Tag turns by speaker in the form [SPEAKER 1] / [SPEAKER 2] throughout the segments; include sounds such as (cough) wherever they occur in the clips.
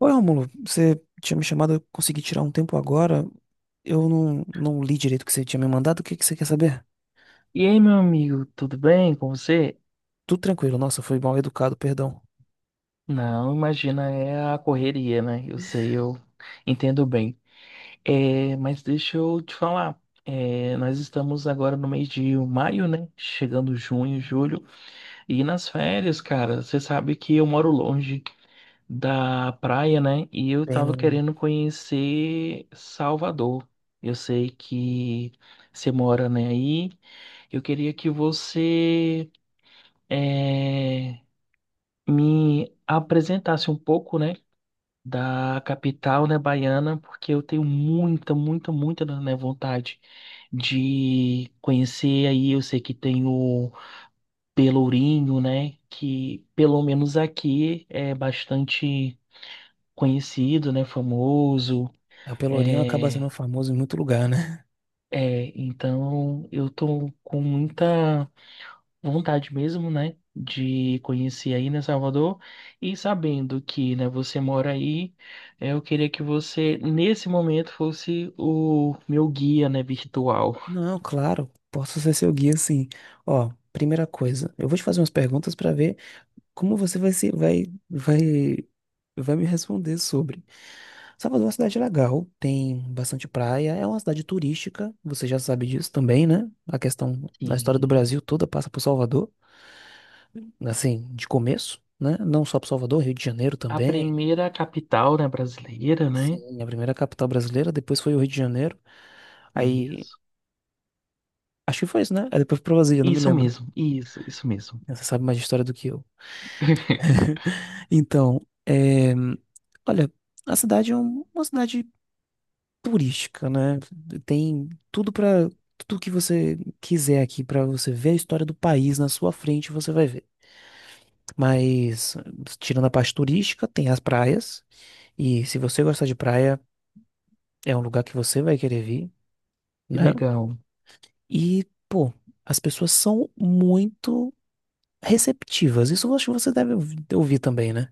[SPEAKER 1] Oi, Rômulo, você tinha me chamado, eu consegui tirar um tempo agora. Eu não li direito o que você tinha me mandado. O que que você quer saber?
[SPEAKER 2] E aí, meu amigo, tudo bem com você?
[SPEAKER 1] Tudo tranquilo. Nossa, eu fui mal educado, perdão.
[SPEAKER 2] Não, imagina, é a correria, né? Eu sei, eu entendo bem. É, mas deixa eu te falar. Nós estamos agora no mês de maio, né? Chegando junho, julho. E nas férias, cara, você sabe que eu moro longe da praia, né? E eu
[SPEAKER 1] Bem
[SPEAKER 2] tava
[SPEAKER 1] longe.
[SPEAKER 2] querendo conhecer Salvador. Eu sei que você mora, né, aí. Eu queria que você. é, me apresentasse um pouco, né, da capital, né, baiana, porque eu tenho muita, né, vontade de conhecer aí. Eu sei que tem o Pelourinho, né, que pelo menos aqui é bastante conhecido, né, famoso.
[SPEAKER 1] É, o Pelourinho acaba sendo
[SPEAKER 2] É,
[SPEAKER 1] famoso em muito lugar, né?
[SPEAKER 2] é, então eu tô com muita vontade mesmo, né, de conhecer aí, né, Salvador, e sabendo que, né, você mora aí, eu queria que você, nesse momento, fosse o meu guia, né, virtual.
[SPEAKER 1] (laughs) Não, claro. Posso ser seu guia, sim. Ó, primeira coisa, eu vou te fazer umas perguntas pra ver como você vai se vai vai vai me responder sobre? Salvador é uma cidade legal, tem bastante praia, é uma cidade turística, você já sabe disso também, né? A questão, a história do
[SPEAKER 2] Sim.
[SPEAKER 1] Brasil toda passa por Salvador, assim, de começo, né? Não só por Salvador, Rio de Janeiro
[SPEAKER 2] A
[SPEAKER 1] também.
[SPEAKER 2] primeira capital, né, brasileira, né?
[SPEAKER 1] Sim, a primeira capital brasileira, depois foi o Rio de Janeiro. Aí,
[SPEAKER 2] Isso.
[SPEAKER 1] acho que foi isso, né? Aí depois foi pra Brasília, não me
[SPEAKER 2] Isso
[SPEAKER 1] lembro.
[SPEAKER 2] mesmo, isso mesmo.
[SPEAKER 1] Você sabe mais de história do que eu.
[SPEAKER 2] (laughs)
[SPEAKER 1] (laughs) Então, é, olha, a cidade é uma cidade turística, né? Tem tudo para tudo que você quiser aqui para você ver a história do país na sua frente, você vai ver. Mas tirando a parte turística, tem as praias e se você gostar de praia, é um lugar que você vai querer vir,
[SPEAKER 2] Que
[SPEAKER 1] né?
[SPEAKER 2] legal.
[SPEAKER 1] E, pô, as pessoas são muito receptivas. Isso eu acho que você deve ouvir também, né?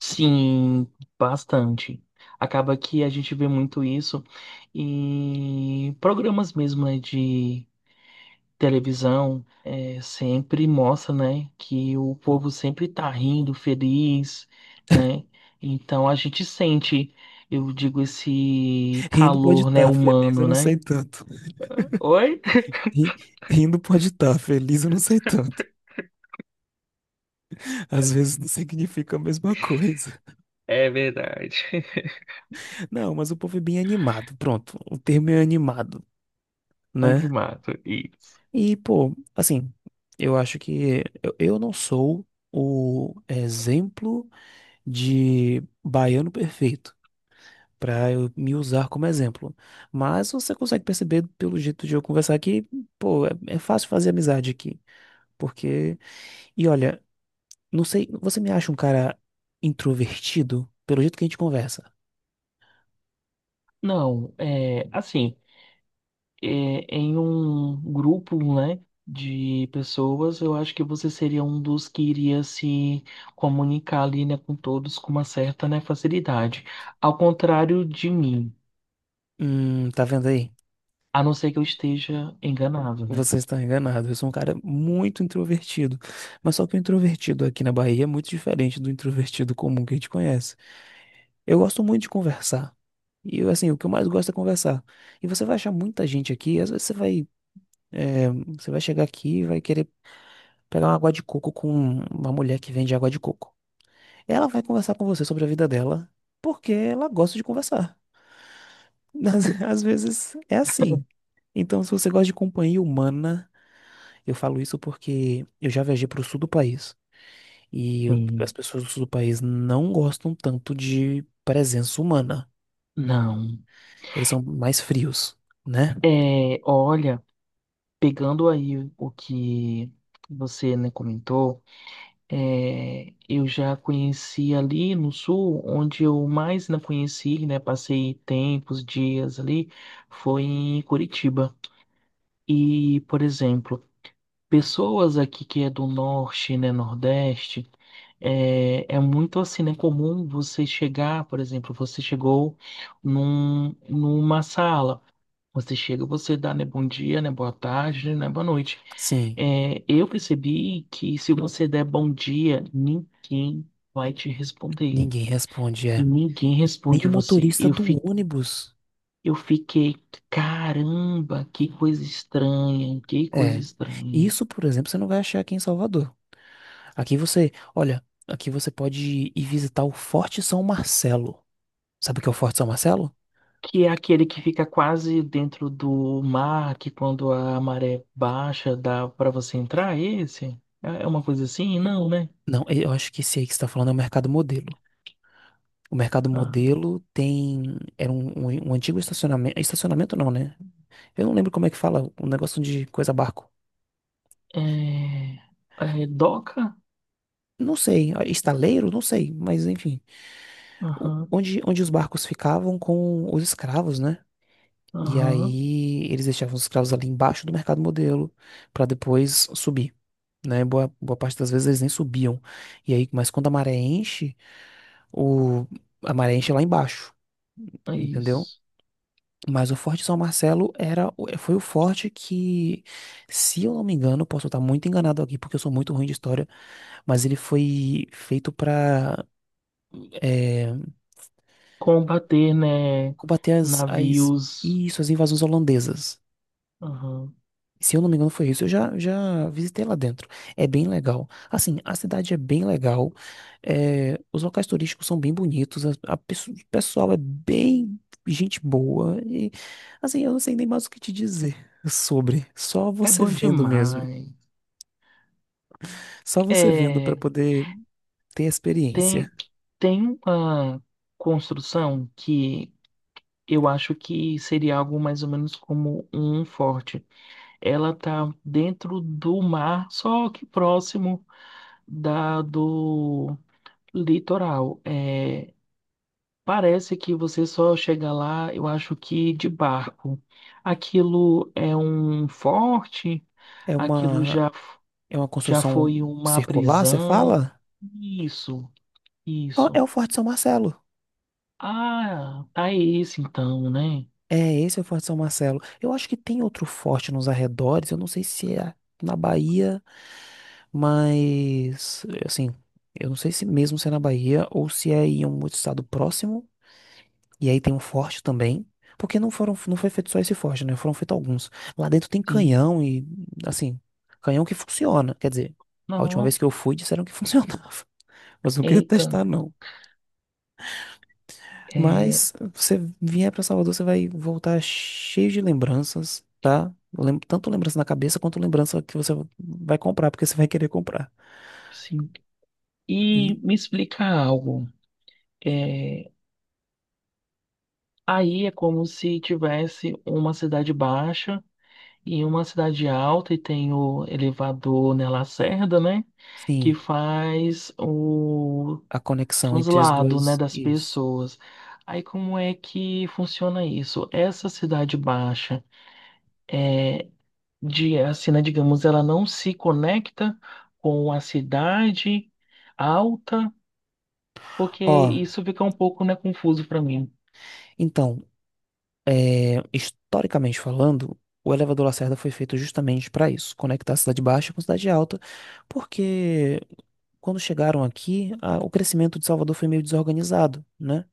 [SPEAKER 2] Sim, bastante. Acaba que a gente vê muito isso em programas mesmo, né, de televisão é, sempre mostra, né, que o povo sempre tá rindo, feliz, né? Então a gente sente, eu digo, esse
[SPEAKER 1] Rindo pode
[SPEAKER 2] calor, né,
[SPEAKER 1] estar, feliz eu
[SPEAKER 2] humano,
[SPEAKER 1] não sei
[SPEAKER 2] né?
[SPEAKER 1] tanto.
[SPEAKER 2] Oi?
[SPEAKER 1] Ri- Rindo pode estar, feliz eu não sei tanto. Às vezes não significa a mesma coisa.
[SPEAKER 2] É verdade. (laughs)
[SPEAKER 1] Não, mas o povo é bem animado. Pronto, o termo é animado,
[SPEAKER 2] Oi, de
[SPEAKER 1] né?
[SPEAKER 2] mato isso.
[SPEAKER 1] E, pô, assim, eu acho que eu não sou o exemplo de baiano perfeito pra eu me usar como exemplo. Mas você consegue perceber pelo jeito de eu conversar que, pô, é fácil fazer amizade aqui. Porque, e olha, não sei, você me acha um cara introvertido pelo jeito que a gente conversa?
[SPEAKER 2] Não, é assim. é, em um grupo, né, de pessoas, eu acho que você seria um dos que iria se comunicar ali, né, com todos com uma certa, né, facilidade. Ao contrário de mim,
[SPEAKER 1] Tá vendo aí?
[SPEAKER 2] a não ser que eu esteja enganado, né?
[SPEAKER 1] Você está enganado. Eu sou um cara muito introvertido. Mas só que o introvertido aqui na Bahia é muito diferente do introvertido comum que a gente conhece. Eu gosto muito de conversar. E eu, assim, o que eu mais gosto é conversar. E você vai achar muita gente aqui. Às vezes você vai, eh, você vai chegar aqui e vai querer pegar uma água de coco com uma mulher que vende água de coco. Ela vai conversar com você sobre a vida dela porque ela gosta de conversar. (laughs) Às vezes é assim. Então, se você gosta de companhia humana. Eu falo isso porque eu já viajei para o sul do país e as
[SPEAKER 2] Sim.
[SPEAKER 1] pessoas do sul do país não gostam tanto de presença humana.
[SPEAKER 2] Não.
[SPEAKER 1] Eles são mais frios, né?
[SPEAKER 2] É, olha, pegando aí o que você, né, comentou. É, eu já conheci ali no sul, onde eu mais não conheci, né? Passei tempos, dias ali, foi em Curitiba. E, por exemplo, pessoas aqui que é do norte, né, nordeste, é muito assim, né, comum você chegar, por exemplo, você chegou numa sala, você chega, você dá, né, bom dia, né, boa tarde, né, boa noite.
[SPEAKER 1] Sim,
[SPEAKER 2] É, eu percebi que se você der bom dia, ninguém vai te responder.
[SPEAKER 1] ninguém responde, é.
[SPEAKER 2] Ninguém
[SPEAKER 1] Nem
[SPEAKER 2] responde
[SPEAKER 1] o
[SPEAKER 2] você.
[SPEAKER 1] motorista do ônibus.
[SPEAKER 2] Eu fiquei, caramba, que coisa estranha, que coisa
[SPEAKER 1] É.
[SPEAKER 2] estranha.
[SPEAKER 1] Isso, por exemplo, você não vai achar aqui em Salvador. Aqui você, olha, aqui você pode ir visitar o Forte São Marcelo. Sabe o que é o Forte São Marcelo?
[SPEAKER 2] Que é aquele que fica quase dentro do mar, que quando a maré baixa dá para você entrar, é esse? É é uma coisa assim? Não, né?
[SPEAKER 1] Não, eu acho que esse aí que você está falando é o Mercado Modelo. O Mercado
[SPEAKER 2] Ah,
[SPEAKER 1] Modelo tem. Era um antigo estacionamento. Estacionamento não, né? Eu não lembro como é que fala. Um negócio de coisa barco.
[SPEAKER 2] é, é doca?
[SPEAKER 1] Não sei. Ah, estaleiro? Não sei. Mas enfim.
[SPEAKER 2] Aham,
[SPEAKER 1] Onde os barcos ficavam com os escravos, né? E
[SPEAKER 2] aham,
[SPEAKER 1] aí eles deixavam os escravos ali embaixo do Mercado Modelo para depois subir. Né? Boa parte das vezes eles nem subiam. E aí, mas quando a maré enche, o, a maré enche lá embaixo.
[SPEAKER 2] é
[SPEAKER 1] Entendeu?
[SPEAKER 2] isso.
[SPEAKER 1] Mas o Forte São Marcelo era, foi o forte que, se eu não me engano, posso estar muito enganado aqui, porque eu sou muito ruim de história, mas ele foi feito para
[SPEAKER 2] Combater, né,
[SPEAKER 1] combater
[SPEAKER 2] navios.
[SPEAKER 1] isso, as invasões holandesas.
[SPEAKER 2] Aham.
[SPEAKER 1] Se eu não me engano, foi isso. Já visitei lá dentro. É bem legal. Assim, a cidade é bem legal. É, os locais turísticos são bem bonitos. O pessoal é bem gente boa. E, assim, eu não sei nem mais o que te dizer sobre. Só
[SPEAKER 2] É
[SPEAKER 1] você
[SPEAKER 2] bom
[SPEAKER 1] vendo mesmo.
[SPEAKER 2] demais.
[SPEAKER 1] Só você vendo para
[SPEAKER 2] É,
[SPEAKER 1] poder ter a experiência.
[SPEAKER 2] tem, tem uma construção que eu acho que seria algo mais ou menos como um forte. Ela tá dentro do mar, só que próximo da do litoral. É, parece que você só chega lá, eu acho que de barco. Aquilo é um forte,
[SPEAKER 1] É
[SPEAKER 2] aquilo
[SPEAKER 1] uma,
[SPEAKER 2] já, f-
[SPEAKER 1] é uma
[SPEAKER 2] já
[SPEAKER 1] construção
[SPEAKER 2] foi uma
[SPEAKER 1] circular, você
[SPEAKER 2] prisão.
[SPEAKER 1] fala?
[SPEAKER 2] Isso,
[SPEAKER 1] Ó,
[SPEAKER 2] isso.
[SPEAKER 1] é o Forte São Marcelo.
[SPEAKER 2] Ah, tá esse então, né?
[SPEAKER 1] É, esse é o Forte São Marcelo. Eu acho que tem outro forte nos arredores, eu não sei se é na Bahia, mas assim, eu não sei se mesmo se é na Bahia ou se é em um outro estado próximo. E aí tem um forte também, porque não foi feito só esse forte, né? Foram feitos alguns. Lá dentro tem
[SPEAKER 2] Sim.
[SPEAKER 1] canhão e assim, canhão que funciona, quer dizer, a última
[SPEAKER 2] Não,
[SPEAKER 1] vez que eu fui disseram que funcionava, (laughs) mas não queria
[SPEAKER 2] eita,
[SPEAKER 1] testar não.
[SPEAKER 2] é,
[SPEAKER 1] Mas você vier para Salvador, você vai voltar cheio de lembranças, tá? Tanto lembrança na cabeça quanto lembrança que você vai comprar, porque você vai querer comprar.
[SPEAKER 2] sim.
[SPEAKER 1] E,
[SPEAKER 2] E me explica algo. É, aí é como se tivesse uma cidade baixa e uma cidade alta e tem o elevador na Lacerda, né? Que
[SPEAKER 1] sim,
[SPEAKER 2] faz o
[SPEAKER 1] a conexão entre as
[SPEAKER 2] translado, né,
[SPEAKER 1] duas.
[SPEAKER 2] das
[SPEAKER 1] Isso.
[SPEAKER 2] pessoas. Aí como é que funciona isso? Essa cidade baixa, de, assim, né, digamos, ela não se conecta com a cidade alta, porque
[SPEAKER 1] Ó,
[SPEAKER 2] isso fica um pouco, né, confuso para mim.
[SPEAKER 1] então, é, historicamente falando, o elevador Lacerda foi feito justamente para isso, conectar a cidade baixa com a cidade alta, porque quando chegaram aqui, o crescimento de Salvador foi meio desorganizado, né?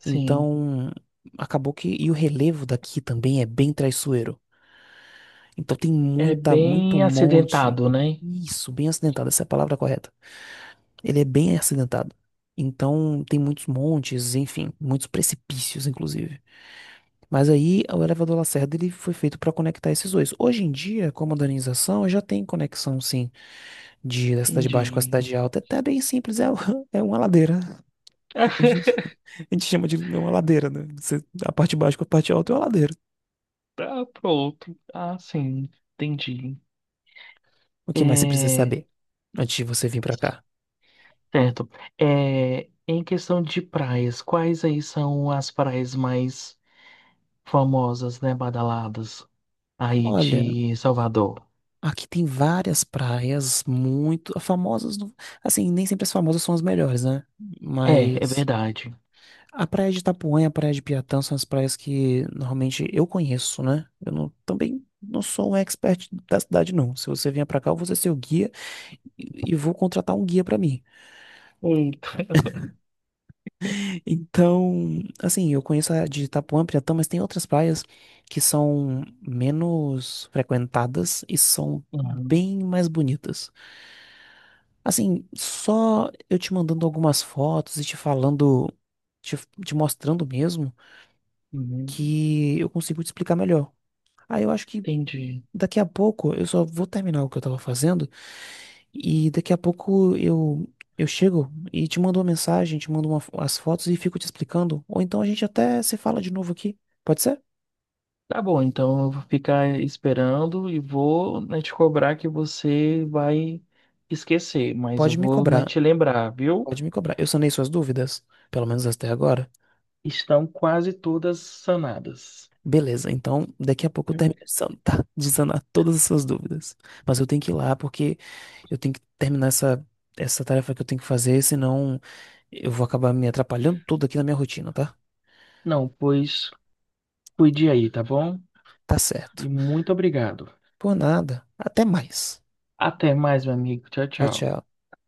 [SPEAKER 2] Sim,
[SPEAKER 1] Então, acabou que. E o relevo daqui também é bem traiçoeiro. Então,
[SPEAKER 2] é
[SPEAKER 1] muito
[SPEAKER 2] bem
[SPEAKER 1] monte.
[SPEAKER 2] acidentado, né?
[SPEAKER 1] Isso, bem acidentado, essa é a palavra correta. Ele é bem acidentado. Então, tem muitos montes, enfim, muitos precipícios, inclusive. Mas aí, o elevador Lacerda, ele foi feito para conectar esses dois. Hoje em dia, com a modernização, já tem conexão, sim, da cidade baixa com a
[SPEAKER 2] Entendi.
[SPEAKER 1] cidade alta. É até bem simples, é, (laughs) é uma ladeira. Hoje (laughs)
[SPEAKER 2] (laughs)
[SPEAKER 1] a gente chama de uma ladeira, né? Você- a parte baixa com a parte alta é uma ladeira.
[SPEAKER 2] Ah, pronto. Ah, sim. Entendi.
[SPEAKER 1] O que mais você precisa
[SPEAKER 2] É,
[SPEAKER 1] saber antes de você vir pra cá?
[SPEAKER 2] certo. É, em questão de praias, quais aí são as praias mais famosas, né, badaladas aí
[SPEAKER 1] Olha,
[SPEAKER 2] de Salvador?
[SPEAKER 1] aqui tem várias praias muito as famosas, assim, nem sempre as famosas são as melhores, né?
[SPEAKER 2] É, é
[SPEAKER 1] Mas
[SPEAKER 2] verdade.
[SPEAKER 1] a praia de Itapuã e a praia de Piatã são as praias que normalmente eu conheço, né? Eu não, também não sou um expert da cidade, não. Se você vier pra cá, eu vou ser seu guia e vou contratar um guia pra mim.
[SPEAKER 2] Eita. (laughs)
[SPEAKER 1] Então, assim, eu conheço a de Itapuã, Piratã, mas tem outras praias que são menos frequentadas e são
[SPEAKER 2] Uhum,
[SPEAKER 1] bem mais bonitas. Assim, só eu te mandando algumas fotos e te falando, te, te mostrando mesmo,
[SPEAKER 2] uhum,
[SPEAKER 1] que eu consigo te explicar melhor. Aí eu acho que
[SPEAKER 2] entendi.
[SPEAKER 1] daqui a pouco eu só vou terminar o que eu tava fazendo. E daqui a pouco eu chego e te mando uma mensagem, te mando as fotos e fico te explicando. Ou então a gente até se fala de novo aqui. Pode ser?
[SPEAKER 2] Tá bom, então eu vou ficar esperando e vou, né, te cobrar que você vai esquecer, mas eu
[SPEAKER 1] Pode me
[SPEAKER 2] vou, né,
[SPEAKER 1] cobrar.
[SPEAKER 2] te lembrar, viu?
[SPEAKER 1] Pode me cobrar. Eu sanei suas dúvidas, pelo menos até agora.
[SPEAKER 2] Estão quase todas sanadas.
[SPEAKER 1] Beleza, então daqui a pouco eu
[SPEAKER 2] Eu-
[SPEAKER 1] (laughs) tá, de sanar todas as suas dúvidas. Mas eu tenho que ir lá porque eu tenho que terminar essa tarefa que eu tenho que fazer, senão eu vou acabar me atrapalhando tudo aqui na minha rotina, tá?
[SPEAKER 2] Não, pois cuide aí, tá bom?
[SPEAKER 1] Tá
[SPEAKER 2] E
[SPEAKER 1] certo.
[SPEAKER 2] muito obrigado.
[SPEAKER 1] Por nada. Até mais.
[SPEAKER 2] Até mais, meu amigo. Tchau,
[SPEAKER 1] Tchau,
[SPEAKER 2] tchau.
[SPEAKER 1] tchau.